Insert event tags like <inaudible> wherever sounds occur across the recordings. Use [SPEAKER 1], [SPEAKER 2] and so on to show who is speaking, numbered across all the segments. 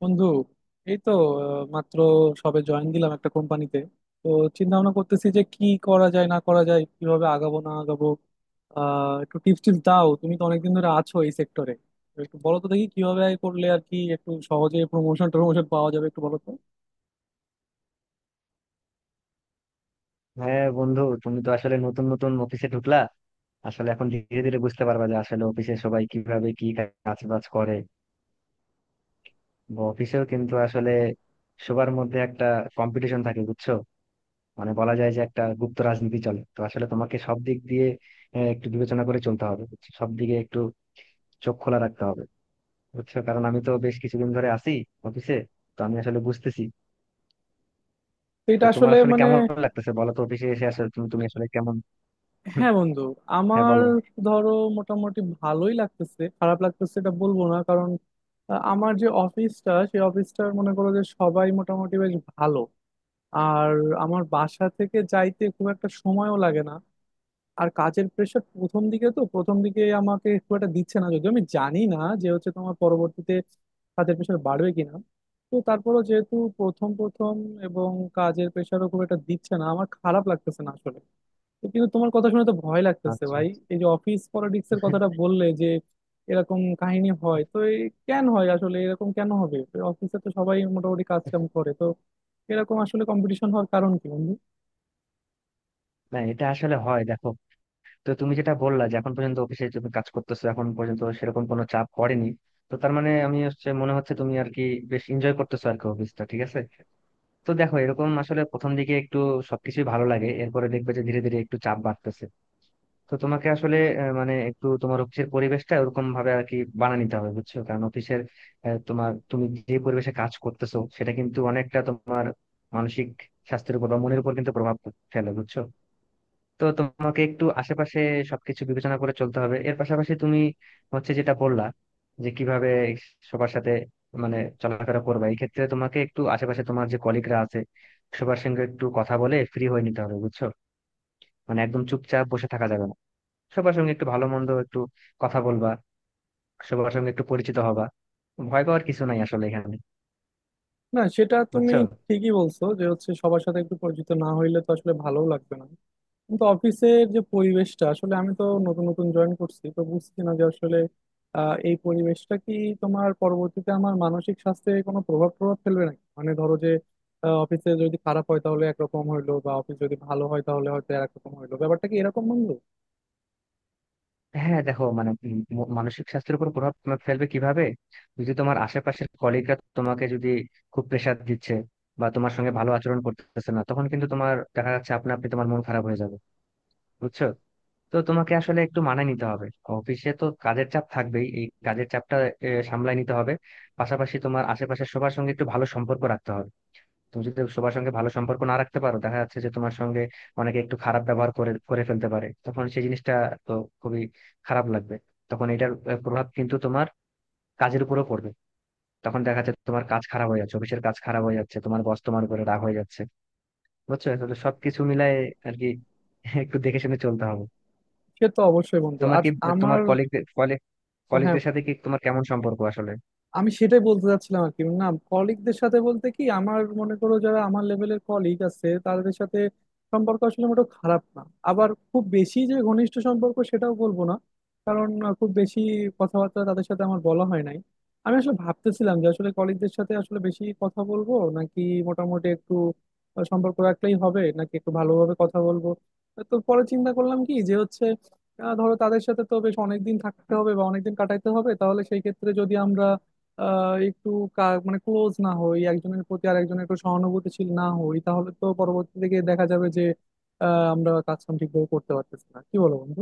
[SPEAKER 1] বন্ধু, এই তো মাত্র সবে জয়েন দিলাম একটা কোম্পানিতে। তো চিন্তা ভাবনা করতেছি যে কি করা যায় না করা যায়, কিভাবে আগাবো না আগাবো। একটু টিপস টিপস দাও, তুমি তো অনেকদিন ধরে আছো এই সেক্টরে। একটু বলো তো দেখি কিভাবে করলে আর কি একটু সহজে প্রমোশন টমোশন পাওয়া যাবে, একটু বলো তো।
[SPEAKER 2] হ্যাঁ বন্ধু, তুমি তো আসলে নতুন নতুন অফিসে ঢুকলা। আসলে এখন ধীরে ধীরে বুঝতে পারবা যে আসলে অফিসে সবাই কিভাবে কি কাজ বাজ করে। অফিসেও কিন্তু আসলে সবার মধ্যে একটা কম্পিটিশন থাকে, বুঝছো? মানে বলা যায় যে একটা গুপ্ত রাজনীতি চলে। তো আসলে তোমাকে সব দিক দিয়ে একটু বিবেচনা করে চলতে হবে, বুঝছো? সব দিকে একটু চোখ খোলা রাখতে হবে। বুঝছো, কারণ আমি তো বেশ কিছুদিন ধরে আছি অফিসে। তো আমি আসলে বুঝতেছি।
[SPEAKER 1] তো
[SPEAKER 2] তো
[SPEAKER 1] এটা
[SPEAKER 2] তোমার
[SPEAKER 1] আসলে
[SPEAKER 2] আসলে
[SPEAKER 1] মানে,
[SPEAKER 2] কেমন লাগতেছে বলো তো, অফিসে এসে আসলে তুমি তুমি আসলে কেমন?
[SPEAKER 1] হ্যাঁ বন্ধু,
[SPEAKER 2] <laughs> হ্যাঁ
[SPEAKER 1] আমার,
[SPEAKER 2] বলো।
[SPEAKER 1] ধরো, মোটামুটি ভালোই লাগতেছে, খারাপ লাগতেছে এটা বলবো না। কারণ আমার যে অফিসটা, সেই অফিসটার মনে করো যে সবাই মোটামুটি বেশ ভালো। আর আমার বাসা থেকে যাইতে খুব একটা সময়ও লাগে না। আর কাজের প্রেশার প্রথম দিকে, আমাকে খুব একটা দিচ্ছে না, যদিও আমি জানি না যে হচ্ছে তোমার পরবর্তীতে কাজের প্রেশার বাড়বে কিনা। তো তারপরও যেহেতু প্রথম প্রথম, এবং কাজের প্রেশারও খুব একটা দিচ্ছে না, আমার খারাপ লাগতেছে না আসলে। তো কিন্তু তোমার কথা শুনে তো ভয় লাগতেছে
[SPEAKER 2] আচ্ছা,
[SPEAKER 1] ভাই, এই যে অফিস পলিটিক্স এর কথাটা বললে যে এরকম কাহিনী হয়। তো এই কেন হয় আসলে, এরকম কেন হবে? অফিসে তো সবাই মোটামুটি কাজ কাম করে, তো এরকম আসলে কম্পিটিশন হওয়ার কারণ কি বন্ধু?
[SPEAKER 2] না এটা আসলে হয়, দেখো। তো তুমি যেটা বললা যে এখন পর্যন্ত অফিসে তুমি কাজ করতেছো, এখন পর্যন্ত সেরকম কোনো চাপ পড়েনি। তো তার মানে আমি হচ্ছে মনে হচ্ছে তুমি আর কি বেশ এনজয় করতেছো আর কি, অফিসটা ঠিক আছে। তো দেখো, এরকম আসলে প্রথম দিকে একটু সবকিছুই ভালো লাগে। এরপরে দেখবে যে ধীরে ধীরে একটু চাপ বাড়তেছে। তো তোমাকে আসলে মানে একটু তোমার অফিসের পরিবেশটা ওরকম ভাবে আর কি বানিয়ে নিতে হবে, বুঝছো, কারণ অফিসের তোমার তুমি যে পরিবেশে কাজ করতেছো সেটা কিন্তু অনেকটা তোমার মানসিক স্বাস্থ্যের উপর বা মনের উপর কিন্তু প্রভাব ফেলে, বুঝছো। তো তোমাকে একটু আশেপাশে সবকিছু বিবেচনা করে চলতে হবে। এর পাশাপাশি তুমি হচ্ছে যেটা বললা যে কিভাবে সবার সাথে মানে চলাফেরা করবে, এই ক্ষেত্রে তোমাকে একটু আশেপাশে তোমার যে কলিগরা আছে সবার সঙ্গে একটু কথা বলে ফ্রি হয়ে নিতে হবে, বুঝছো। মানে একদম চুপচাপ বসে থাকা যাবে না। সবার সঙ্গে একটু ভালো মন্দ একটু কথা বলবা, সবার সঙ্গে একটু পরিচিত হবা। ভয় পাওয়ার কিছু নাই আসলে এখানে,
[SPEAKER 1] না সেটা তুমি
[SPEAKER 2] বুঝছো।
[SPEAKER 1] ঠিকই বলছো যে হচ্ছে সবার সাথে একটু পরিচিত না হইলে তো আসলে ভালোও লাগবে না। কিন্তু অফিসের যে পরিবেশটা, আসলে আমি তো নতুন নতুন জয়েন করছি, তো বুঝছি না যে আসলে এই পরিবেশটা কি তোমার পরবর্তীতে আমার মানসিক স্বাস্থ্যে কোনো প্রভাব প্রভাব ফেলবে নাকি। মানে ধরো যে অফিসে যদি খারাপ হয় তাহলে একরকম হইলো, বা অফিস যদি ভালো হয় তাহলে হয়তো একরকম হইলো, ব্যাপারটা কি এরকম বন্ধু?
[SPEAKER 2] হ্যাঁ দেখো মানে মানসিক স্বাস্থ্যের উপর প্রভাব তোমার ফেলবে কিভাবে? যদি তোমার আশেপাশের কলিগরা তোমাকে যদি খুব প্রেসার দিচ্ছে বা তোমার সঙ্গে ভালো আচরণ করতেছে না, তখন কিন্তু তোমার দেখা যাচ্ছে আপনা আপনি তোমার মন খারাপ হয়ে যাবে, বুঝছো। তো তোমাকে আসলে একটু মানায় নিতে হবে। অফিসে তো কাজের চাপ থাকবেই, এই কাজের চাপটা সামলায় নিতে হবে। পাশাপাশি তোমার আশেপাশের সবার সঙ্গে একটু ভালো সম্পর্ক রাখতে হবে। তুমি যদি সবার সঙ্গে ভালো সম্পর্ক না রাখতে পারো, দেখা যাচ্ছে যে তোমার সঙ্গে অনেকে একটু খারাপ ব্যবহার করে করে ফেলতে পারে, তখন সেই জিনিসটা তো খুবই খারাপ লাগবে। তখন এটার প্রভাব কিন্তু তোমার কাজের উপরও পড়বে। তখন দেখা যাচ্ছে তোমার কাজ খারাপ হয়ে যাচ্ছে, অফিসের কাজ খারাপ হয়ে যাচ্ছে, তোমার বস তোমার উপরে রাগ হয়ে যাচ্ছে, বুঝছো। তাহলে সবকিছু মিলায় আর কি, <laughs> একটু দেখে শুনে চলতে হবে।
[SPEAKER 1] সে তো অবশ্যই বন্ধু।
[SPEAKER 2] তোমার
[SPEAKER 1] আর
[SPEAKER 2] কি তোমার
[SPEAKER 1] আমার,
[SPEAKER 2] কলিগ কলিগ
[SPEAKER 1] হ্যাঁ
[SPEAKER 2] কলিগদের সাথে কি তোমার কেমন সম্পর্ক আসলে?
[SPEAKER 1] আমি সেটাই বলতে চাচ্ছিলাম আর কি। না, কলিগদের সাথে বলতে কি আমার, মনে করো যারা আমার লেভেলের কলিগ আছে তাদের সাথে সম্পর্ক আসলে মোটেও খারাপ না। আবার খুব বেশি যে ঘনিষ্ঠ সম্পর্ক সেটাও বলবো না। কারণ খুব বেশি কথাবার্তা তাদের সাথে আমার বলা হয় নাই। আমি আসলে ভাবতেছিলাম যে আসলে কলিগদের সাথে আসলে বেশি কথা বলবো নাকি মোটামুটি একটু সম্পর্ক রাখলেই হবে, নাকি একটু ভালোভাবে কথা বলবো। তো পরে চিন্তা করলাম কি, যে হচ্ছে ধরো তাদের সাথে তো বেশ অনেকদিন থাকতে হবে বা অনেকদিন কাটাইতে হবে, তাহলে সেই ক্ষেত্রে যদি আমরা একটু কা- মানে ক্লোজ না হই, একজনের প্রতি আর একজনের একটু সহানুভূতিশীল না হই, তাহলে তো পরবর্তী থেকে দেখা যাবে যে আমরা কাজ কাম ঠিকভাবে করতে পারতেছি না। কি বলো বন্ধু?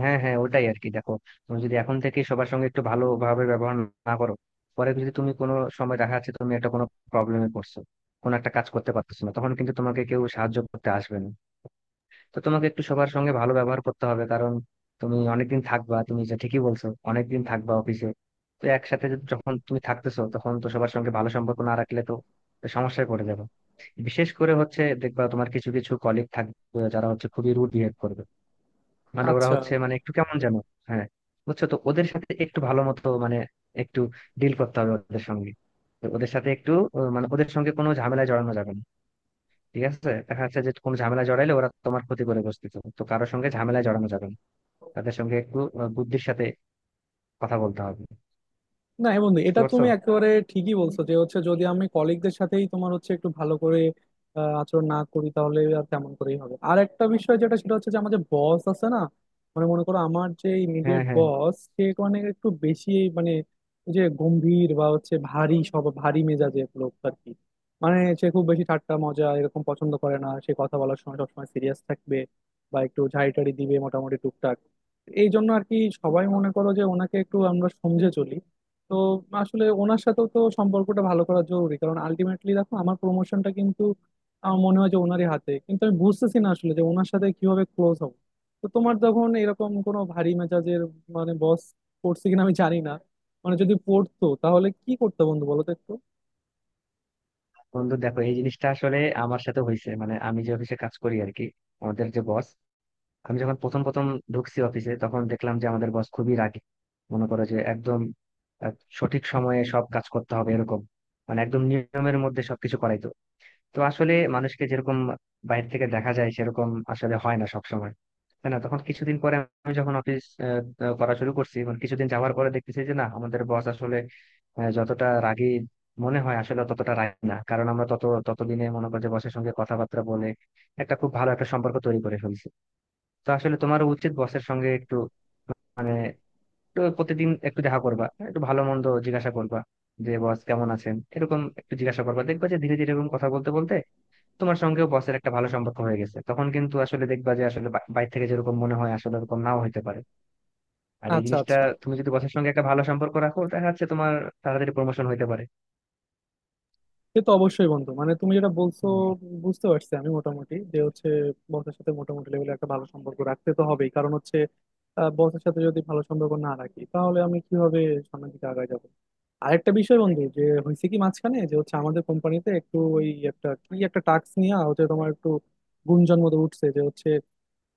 [SPEAKER 2] হ্যাঁ, হ্যাঁ, ওটাই আর কি, দেখো। তুমি যদি এখন থেকে সবার সঙ্গে একটু ভালোভাবে ব্যবহার না করো, পরে যদি তুমি কোনো সময় দেখা যাচ্ছে তুমি একটা কোনো প্রবলেমে পড়ছো, কোনো একটা কাজ করতে পারতেছো না, তখন কিন্তু তোমাকে কেউ সাহায্য করতে আসবে না। তো তোমাকে একটু সবার সঙ্গে ভালো ব্যবহার করতে হবে, কারণ তুমি অনেকদিন থাকবা, তুমি যা ঠিকই বলছো, অনেকদিন থাকবা অফিসে। তো একসাথে যখন তুমি থাকতেছো তখন তো সবার সঙ্গে ভালো সম্পর্ক না রাখলে তো তো সমস্যায় পড়ে যাবে। বিশেষ করে হচ্ছে দেখবা তোমার কিছু কিছু কলিগ থাকবে যারা হচ্ছে খুবই রুড বিহেভ করবে। মানে ওরা
[SPEAKER 1] আচ্ছা,
[SPEAKER 2] হচ্ছে মানে একটু কেমন যেন। হ্যাঁ, বুঝছো, তো ওদের সাথে একটু ভালো মতো মানে একটু ডিল করতে হবে ওদের সঙ্গে। তো ওদের সাথে একটু মানে ওদের সঙ্গে কোনো ঝামেলায় জড়ানো যাবে না। ঠিক আছে, দেখা যাচ্ছে যে কোনো ঝামেলা জড়াইলে ওরা তোমার ক্ষতি করে বসতেছে, তো কারোর সঙ্গে ঝামেলায় জড়ানো যাবে না। তাদের সঙ্গে একটু বুদ্ধির সাথে কথা বলতে হবে।
[SPEAKER 1] না হ্যাঁ বন্ধু,
[SPEAKER 2] বুঝতে
[SPEAKER 1] এটা
[SPEAKER 2] পারছো?
[SPEAKER 1] তুমি একেবারে ঠিকই বলছো যে হচ্ছে যদি আমি কলিগদের সাথেই তোমার হচ্ছে একটু ভালো করে আচরণ না করি তাহলে আর তেমন করেই হবে। আর একটা বিষয় যেটা, সেটা হচ্ছে যে আমাদের বস আছে না, মানে মনে করো আমার যে
[SPEAKER 2] হ্যাঁ,
[SPEAKER 1] ইমিডিয়েট
[SPEAKER 2] হ্যাঁ,
[SPEAKER 1] বস, সে মানে একটু বেশি, মানে ওই যে গম্ভীর বা হচ্ছে ভারী, সব ভারী মেজাজের লোক আর কি। মানে সে খুব বেশি ঠাট্টা মজা এরকম পছন্দ করে না, সে কথা বলার সময় সবসময় সিরিয়াস থাকবে, বা একটু ঝাড়ি টাড়ি দিবে মোটামুটি টুকটাক। এই জন্য আর কি সবাই মনে করো যে ওনাকে একটু আমরা সমঝে চলি। তো আসলে ওনার সাথেও তো সম্পর্কটা ভালো করা জরুরি, কারণ আলটিমেটলি দেখো আমার প্রমোশনটা কিন্তু আমার মনে হয় যে ওনারই হাতে। কিন্তু আমি বুঝতেছি না আসলে যে ওনার সাথে কিভাবে ক্লোজ হব। তো তোমার যখন এরকম কোনো ভারী মেজাজের মানে বস পড়ছে কিনা আমি জানি না, মানে যদি পড়তো তাহলে কি করতে বন্ধু, বলো তো একটু।
[SPEAKER 2] বন্ধু দেখো এই জিনিসটা আসলে আমার সাথে হয়েছে। মানে আমি যে অফিসে কাজ করি আর কি, আমাদের যে বস, আমি যখন প্রথম প্রথম ঢুকছি অফিসে, তখন দেখলাম যে আমাদের বস খুবই রাগী। মনে করো যে একদম আহ, সঠিক সময়ে সব কাজ করতে হবে এরকম, মানে একদম নিয়মের মধ্যে সবকিছু করাইতো। তো আসলে মানুষকে যেরকম বাইরে থেকে দেখা যায় সেরকম আসলে হয় না সব সময়, তাই না। তখন কিছুদিন পরে আমি যখন অফিস আহ, আহ, করা শুরু করছি, মানে কিছুদিন যাওয়ার পরে দেখতেছি যে না, আমাদের বস আসলে যতটা রাগী মনে হয় আসলে ততটা রাগী না, কারণ আমরা তত ততদিনে মনে করি যে বসের সঙ্গে কথাবার্তা বলে একটা খুব ভালো একটা সম্পর্ক তৈরি করে ফেলছি। তো আসলে তোমার উচিত বসের সঙ্গে একটু মানে একটু প্রতিদিন একটু দেখা করবা, একটু ভালো মন্দ জিজ্ঞাসা করবা যে বস কেমন আছেন, এরকম একটু জিজ্ঞাসা করবা। দেখবা যে ধীরে ধীরে এরকম কথা বলতে বলতে তোমার সঙ্গেও বসের একটা ভালো সম্পর্ক হয়ে গেছে। তখন কিন্তু আসলে দেখবা যে আসলে বাইরে থেকে যেরকম মনে হয় আসলে এরকম নাও হতে পারে। আর এই
[SPEAKER 1] আচ্ছা
[SPEAKER 2] জিনিসটা,
[SPEAKER 1] আচ্ছা,
[SPEAKER 2] তুমি যদি বসের সঙ্গে একটা ভালো সম্পর্ক রাখো, দেখা যাচ্ছে তোমার তাড়াতাড়ি প্রমোশন হতে পারে।
[SPEAKER 1] সে তো অবশ্যই বন্ধু, মানে তুমি যেটা বলছো
[SPEAKER 2] হুম।
[SPEAKER 1] বুঝতে পারছি আমি মোটামুটি যে হচ্ছে বসের সাথে মোটামুটি লেভেলে একটা ভালো সম্পর্ক রাখতে তো হবেই। কারণ হচ্ছে বসের সাথে যদি ভালো সম্পর্ক না রাখি, তাহলে আমি কিভাবে সামনের দিকে আগায় যাবো। আরেকটা বিষয় বন্ধু, যে হয়েছে কি, মাঝখানে যে হচ্ছে আমাদের কোম্পানিতে একটু ওই একটা কি একটা টাস্ক নিয়ে হচ্ছে তোমার একটু গুঞ্জন মতো উঠছে, যে হচ্ছে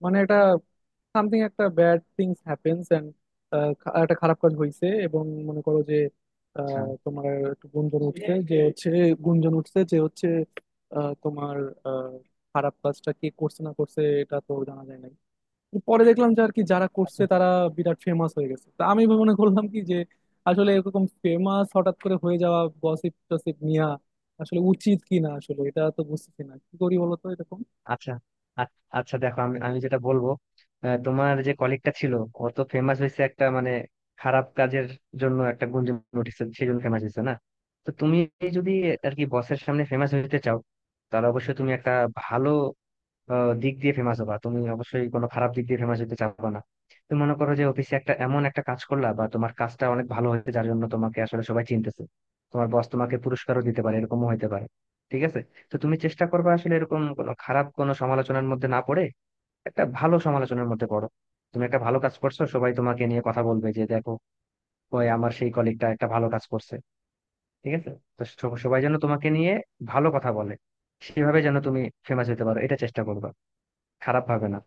[SPEAKER 1] মানে এটা সামথিং একটা ব্যাড থিংস হ্যাপেন্স এন্ড, একটা খারাপ কাজ হয়েছে। এবং মনে করো যে
[SPEAKER 2] আচ্ছা,
[SPEAKER 1] তোমার একটু গুঞ্জন উঠছে যে হচ্ছে, গুঞ্জন উঠছে যে হচ্ছে আহ, তোমার আহ, খারাপ কাজটা কে করছে না করছে এটা তো জানা যায় নাই। পরে দেখলাম যে আর কি যারা করছে
[SPEAKER 2] আচ্ছা,
[SPEAKER 1] তারা বিরাট ফেমাস হয়ে গেছে। তা আমি মনে করলাম কি যে আসলে এরকম ফেমাস হঠাৎ করে হয়ে যাওয়া গসিপ টসিপ নিয়া আসলে উচিত কি না, আসলে এটা তো বুঝতেছি না, কি করি বলতো এরকম।
[SPEAKER 2] আচ্ছা, আ- আচ্ছা, দেখো আমি আমি যেটা বলবো, তোমার যে কলিগটা ছিল, ও তো ফেমাস হয়েছে একটা মানে খারাপ কাজের জন্য, একটা গুঞ্জন উঠেছে সেই জন্য ফেমাস হয়েছে না। তো তুমি যদি আর কি বসের সামনে ফেমাস হতে চাও, তাহলে অবশ্যই তুমি একটা ভালো দিক দিয়ে ফেমাস হবা, তুমি অবশ্যই কোনো খারাপ দিক দিয়ে ফেমাস হতে চাবা না। তুমি মনে করো যে অফিসে একটা এমন একটা কাজ করলা বা তোমার কাজটা অনেক ভালো হয়েছে যার জন্য তোমাকে আসলে সবাই চিনতেছে, তোমার বস তোমাকে পুরস্কারও দিতে পারে, এরকমও হতে পারে। ঠিক আছে। তো তুমি চেষ্টা করবে আসলে এরকম কোনো খারাপ কোনো সমালোচনার মধ্যে না পড়ে একটা ভালো সমালোচনার মধ্যে পড়ো। তুমি একটা ভালো কাজ করছো, সবাই তোমাকে নিয়ে কথা বলবে যে দেখো, ওই আমার সেই কলিগটা একটা ভালো কাজ করছে। ঠিক আছে, তো সবাই যেন তোমাকে নিয়ে ভালো কথা বলে, সেভাবে যেন তুমি ফেমাস হতে পারো, এটা চেষ্টা করবা, খারাপ ভাবে না।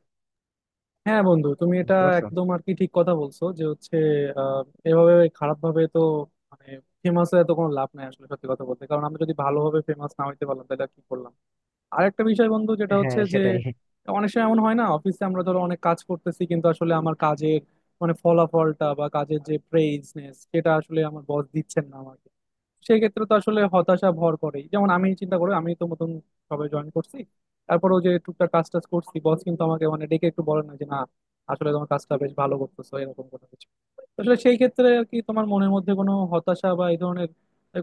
[SPEAKER 1] হ্যাঁ বন্ধু, তুমি এটা
[SPEAKER 2] বুঝতে পারছো?
[SPEAKER 1] একদম আর কি ঠিক কথা বলছো যে হচ্ছে আহ, এভাবে খারাপ ভাবে তো মানে ফেমাস হয়ে তো কোনো লাভ নাই আসলে, সত্যি কথা বলতে। কারণ আমরা যদি ভালোভাবে ফেমাস না হইতে পারলাম, তাহলে আর কি করলাম। আর একটা বিষয় বন্ধু, যেটা
[SPEAKER 2] হ্যাঁ,
[SPEAKER 1] হচ্ছে যে
[SPEAKER 2] সেটাই।
[SPEAKER 1] অনেক সময় এমন হয় না অফিসে, আমরা ধরো অনেক কাজ করতেছি কিন্তু আসলে আমার কাজের মানে ফলাফলটা বা কাজের যে প্রেইজনেস সেটা আসলে আমার বস দিচ্ছেন না আমার। সেই ক্ষেত্রে তো আসলে হতাশা ভর করে। যেমন আমি চিন্তা করি আমি তো নতুন, সবে জয়েন করছি, তারপরেও যে টুকটাক কাজ টাজ করছি, বস কিন্তু আমাকে মানে ডেকে একটু বলে না যে না আসলে তোমার কাজটা বেশ ভালো করতেছো, এরকম কোনো কিছু। আসলে সেই ক্ষেত্রে আর কি, তোমার মনের মধ্যে কোনো হতাশা বা এই ধরনের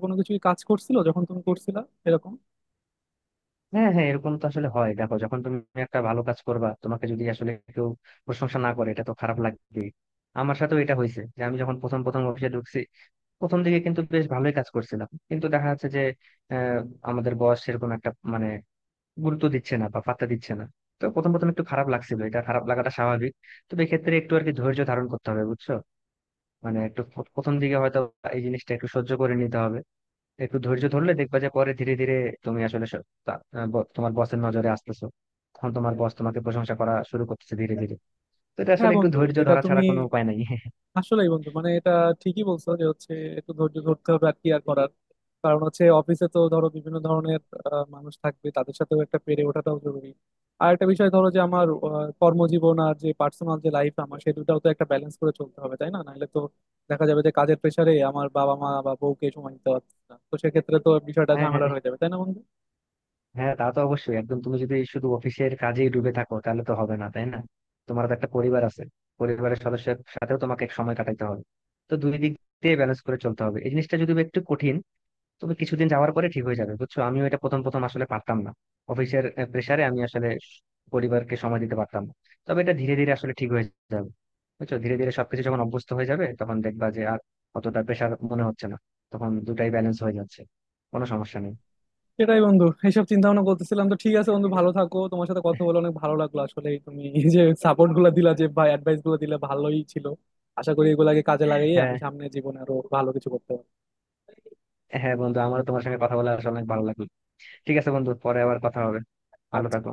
[SPEAKER 1] কোনো কিছু কাজ করছিল যখন তুমি করছিলা, এরকম?
[SPEAKER 2] হ্যাঁ, হ্যাঁ, এরকম তো আসলে হয় দেখো, যখন তুমি একটা ভালো কাজ করবা, তোমাকে যদি আসলে কেউ প্রশংসা না করে এটা তো খারাপ লাগবে। আমার সাথেও এটা হয়েছে যে আমি যখন প্রথম প্রথম অফিসে ঢুকছি, প্রথম দিকে কিন্তু বেশ ভালোই কাজ করছিলাম, কিন্তু দেখা যাচ্ছে যে আহ, আমাদের বস সেরকম একটা মানে গুরুত্ব দিচ্ছে না বা পাত্তা দিচ্ছে না। তো প্রথম প্রথম একটু খারাপ লাগছিল, এটা খারাপ লাগাটা স্বাভাবিক। তবে এক্ষেত্রে একটু আর কি ধৈর্য ধারণ করতে হবে, বুঝছো। মানে একটু প্রথম দিকে হয়তো এই জিনিসটা একটু সহ্য করে নিতে হবে। একটু ধৈর্য ধরলে দেখবা যে পরে ধীরে ধীরে তুমি আসলে তোমার বসের নজরে আসতেছো। তখন তোমার বস তোমাকে প্রশংসা করা শুরু করতেছে ধীরে ধীরে। তো এটা আসলে
[SPEAKER 1] হ্যাঁ
[SPEAKER 2] একটু
[SPEAKER 1] বন্ধু,
[SPEAKER 2] ধৈর্য
[SPEAKER 1] এটা
[SPEAKER 2] ধরা ছাড়া
[SPEAKER 1] তুমি
[SPEAKER 2] কোনো উপায় নাই। <laughs>
[SPEAKER 1] আসলেই বন্ধু, মানে এটা ঠিকই বলছো যে হচ্ছে একটু ধৈর্য ধরতে হবে আর কি, আর করার। কারণ হচ্ছে অফিসে তো ধরো বিভিন্ন ধরনের মানুষ থাকবে, তাদের সাথেও একটা পেরে ওঠাটাও জরুরি। আর একটা বিষয়, ধরো যে আমার কর্মজীবন আর যে পার্সোনাল যে লাইফ আমার, সে দুটাও তো একটা ব্যালেন্স করে চলতে হবে তাই না? নাহলে তো দেখা যাবে যে কাজের প্রেশারে আমার বাবা মা বা বউকে সময় দিতে পারছি না, তো সেক্ষেত্রে তো বিষয়টা
[SPEAKER 2] হ্যাঁ, হ্যাঁ,
[SPEAKER 1] ঝামেলার হয়ে যাবে তাই না বন্ধু?
[SPEAKER 2] হ্যাঁ, তা তো অবশ্যই। একদম, তুমি যদি শুধু অফিসের কাজেই ডুবে থাকো তাহলে তো হবে না, তাই না। তোমার তো একটা পরিবার আছে, পরিবারের সদস্যের সাথেও তোমাকে এক সময় কাটাইতে হবে। তো দুই দিক দিয়ে ব্যালেন্স করে চলতে হবে। এই জিনিসটা যদি একটু কঠিন, তবে কিছুদিন যাওয়ার পরে ঠিক হয়ে যাবে, বুঝছো। আমিও এটা প্রথম প্রথম আসলে পারতাম না, অফিসের প্রেসারে আমি আসলে পরিবারকে সময় দিতে পারতাম না। তবে এটা ধীরে ধীরে আসলে ঠিক হয়ে যাবে, বুঝছো। ধীরে ধীরে সবকিছু যখন অভ্যস্ত হয়ে যাবে তখন দেখবা যে আর অতটা প্রেসার মনে হচ্ছে না, তখন দুটাই ব্যালেন্স হয়ে যাচ্ছে, কোনো সমস্যা নেই।
[SPEAKER 1] সেটাই বন্ধু, এইসব চিন্তা ভাবনা করতেছিলাম। তো ঠিক আছে বন্ধু, ভালো থাকো। তোমার সাথে কথা বলে অনেক ভালো লাগলো। আসলে তুমি এই যে সাপোর্ট গুলা দিলা, যে ভাই অ্যাডভাইস গুলো দিলে, ভালোই ছিল। আশা করি এগুলাকে কাজে লাগিয়ে
[SPEAKER 2] হ্যাঁ,
[SPEAKER 1] আমি সামনে জীবনে আরো ভালো কিছু করতে পারবো।
[SPEAKER 2] হ্যাঁ বন্ধু, আমারও তোমার সঙ্গে কথা বলে আসলে অনেক ভালো লাগলো। ঠিক আছে বন্ধু, পরে আবার কথা হবে। ভালো
[SPEAKER 1] আচ্ছা।
[SPEAKER 2] থাকো।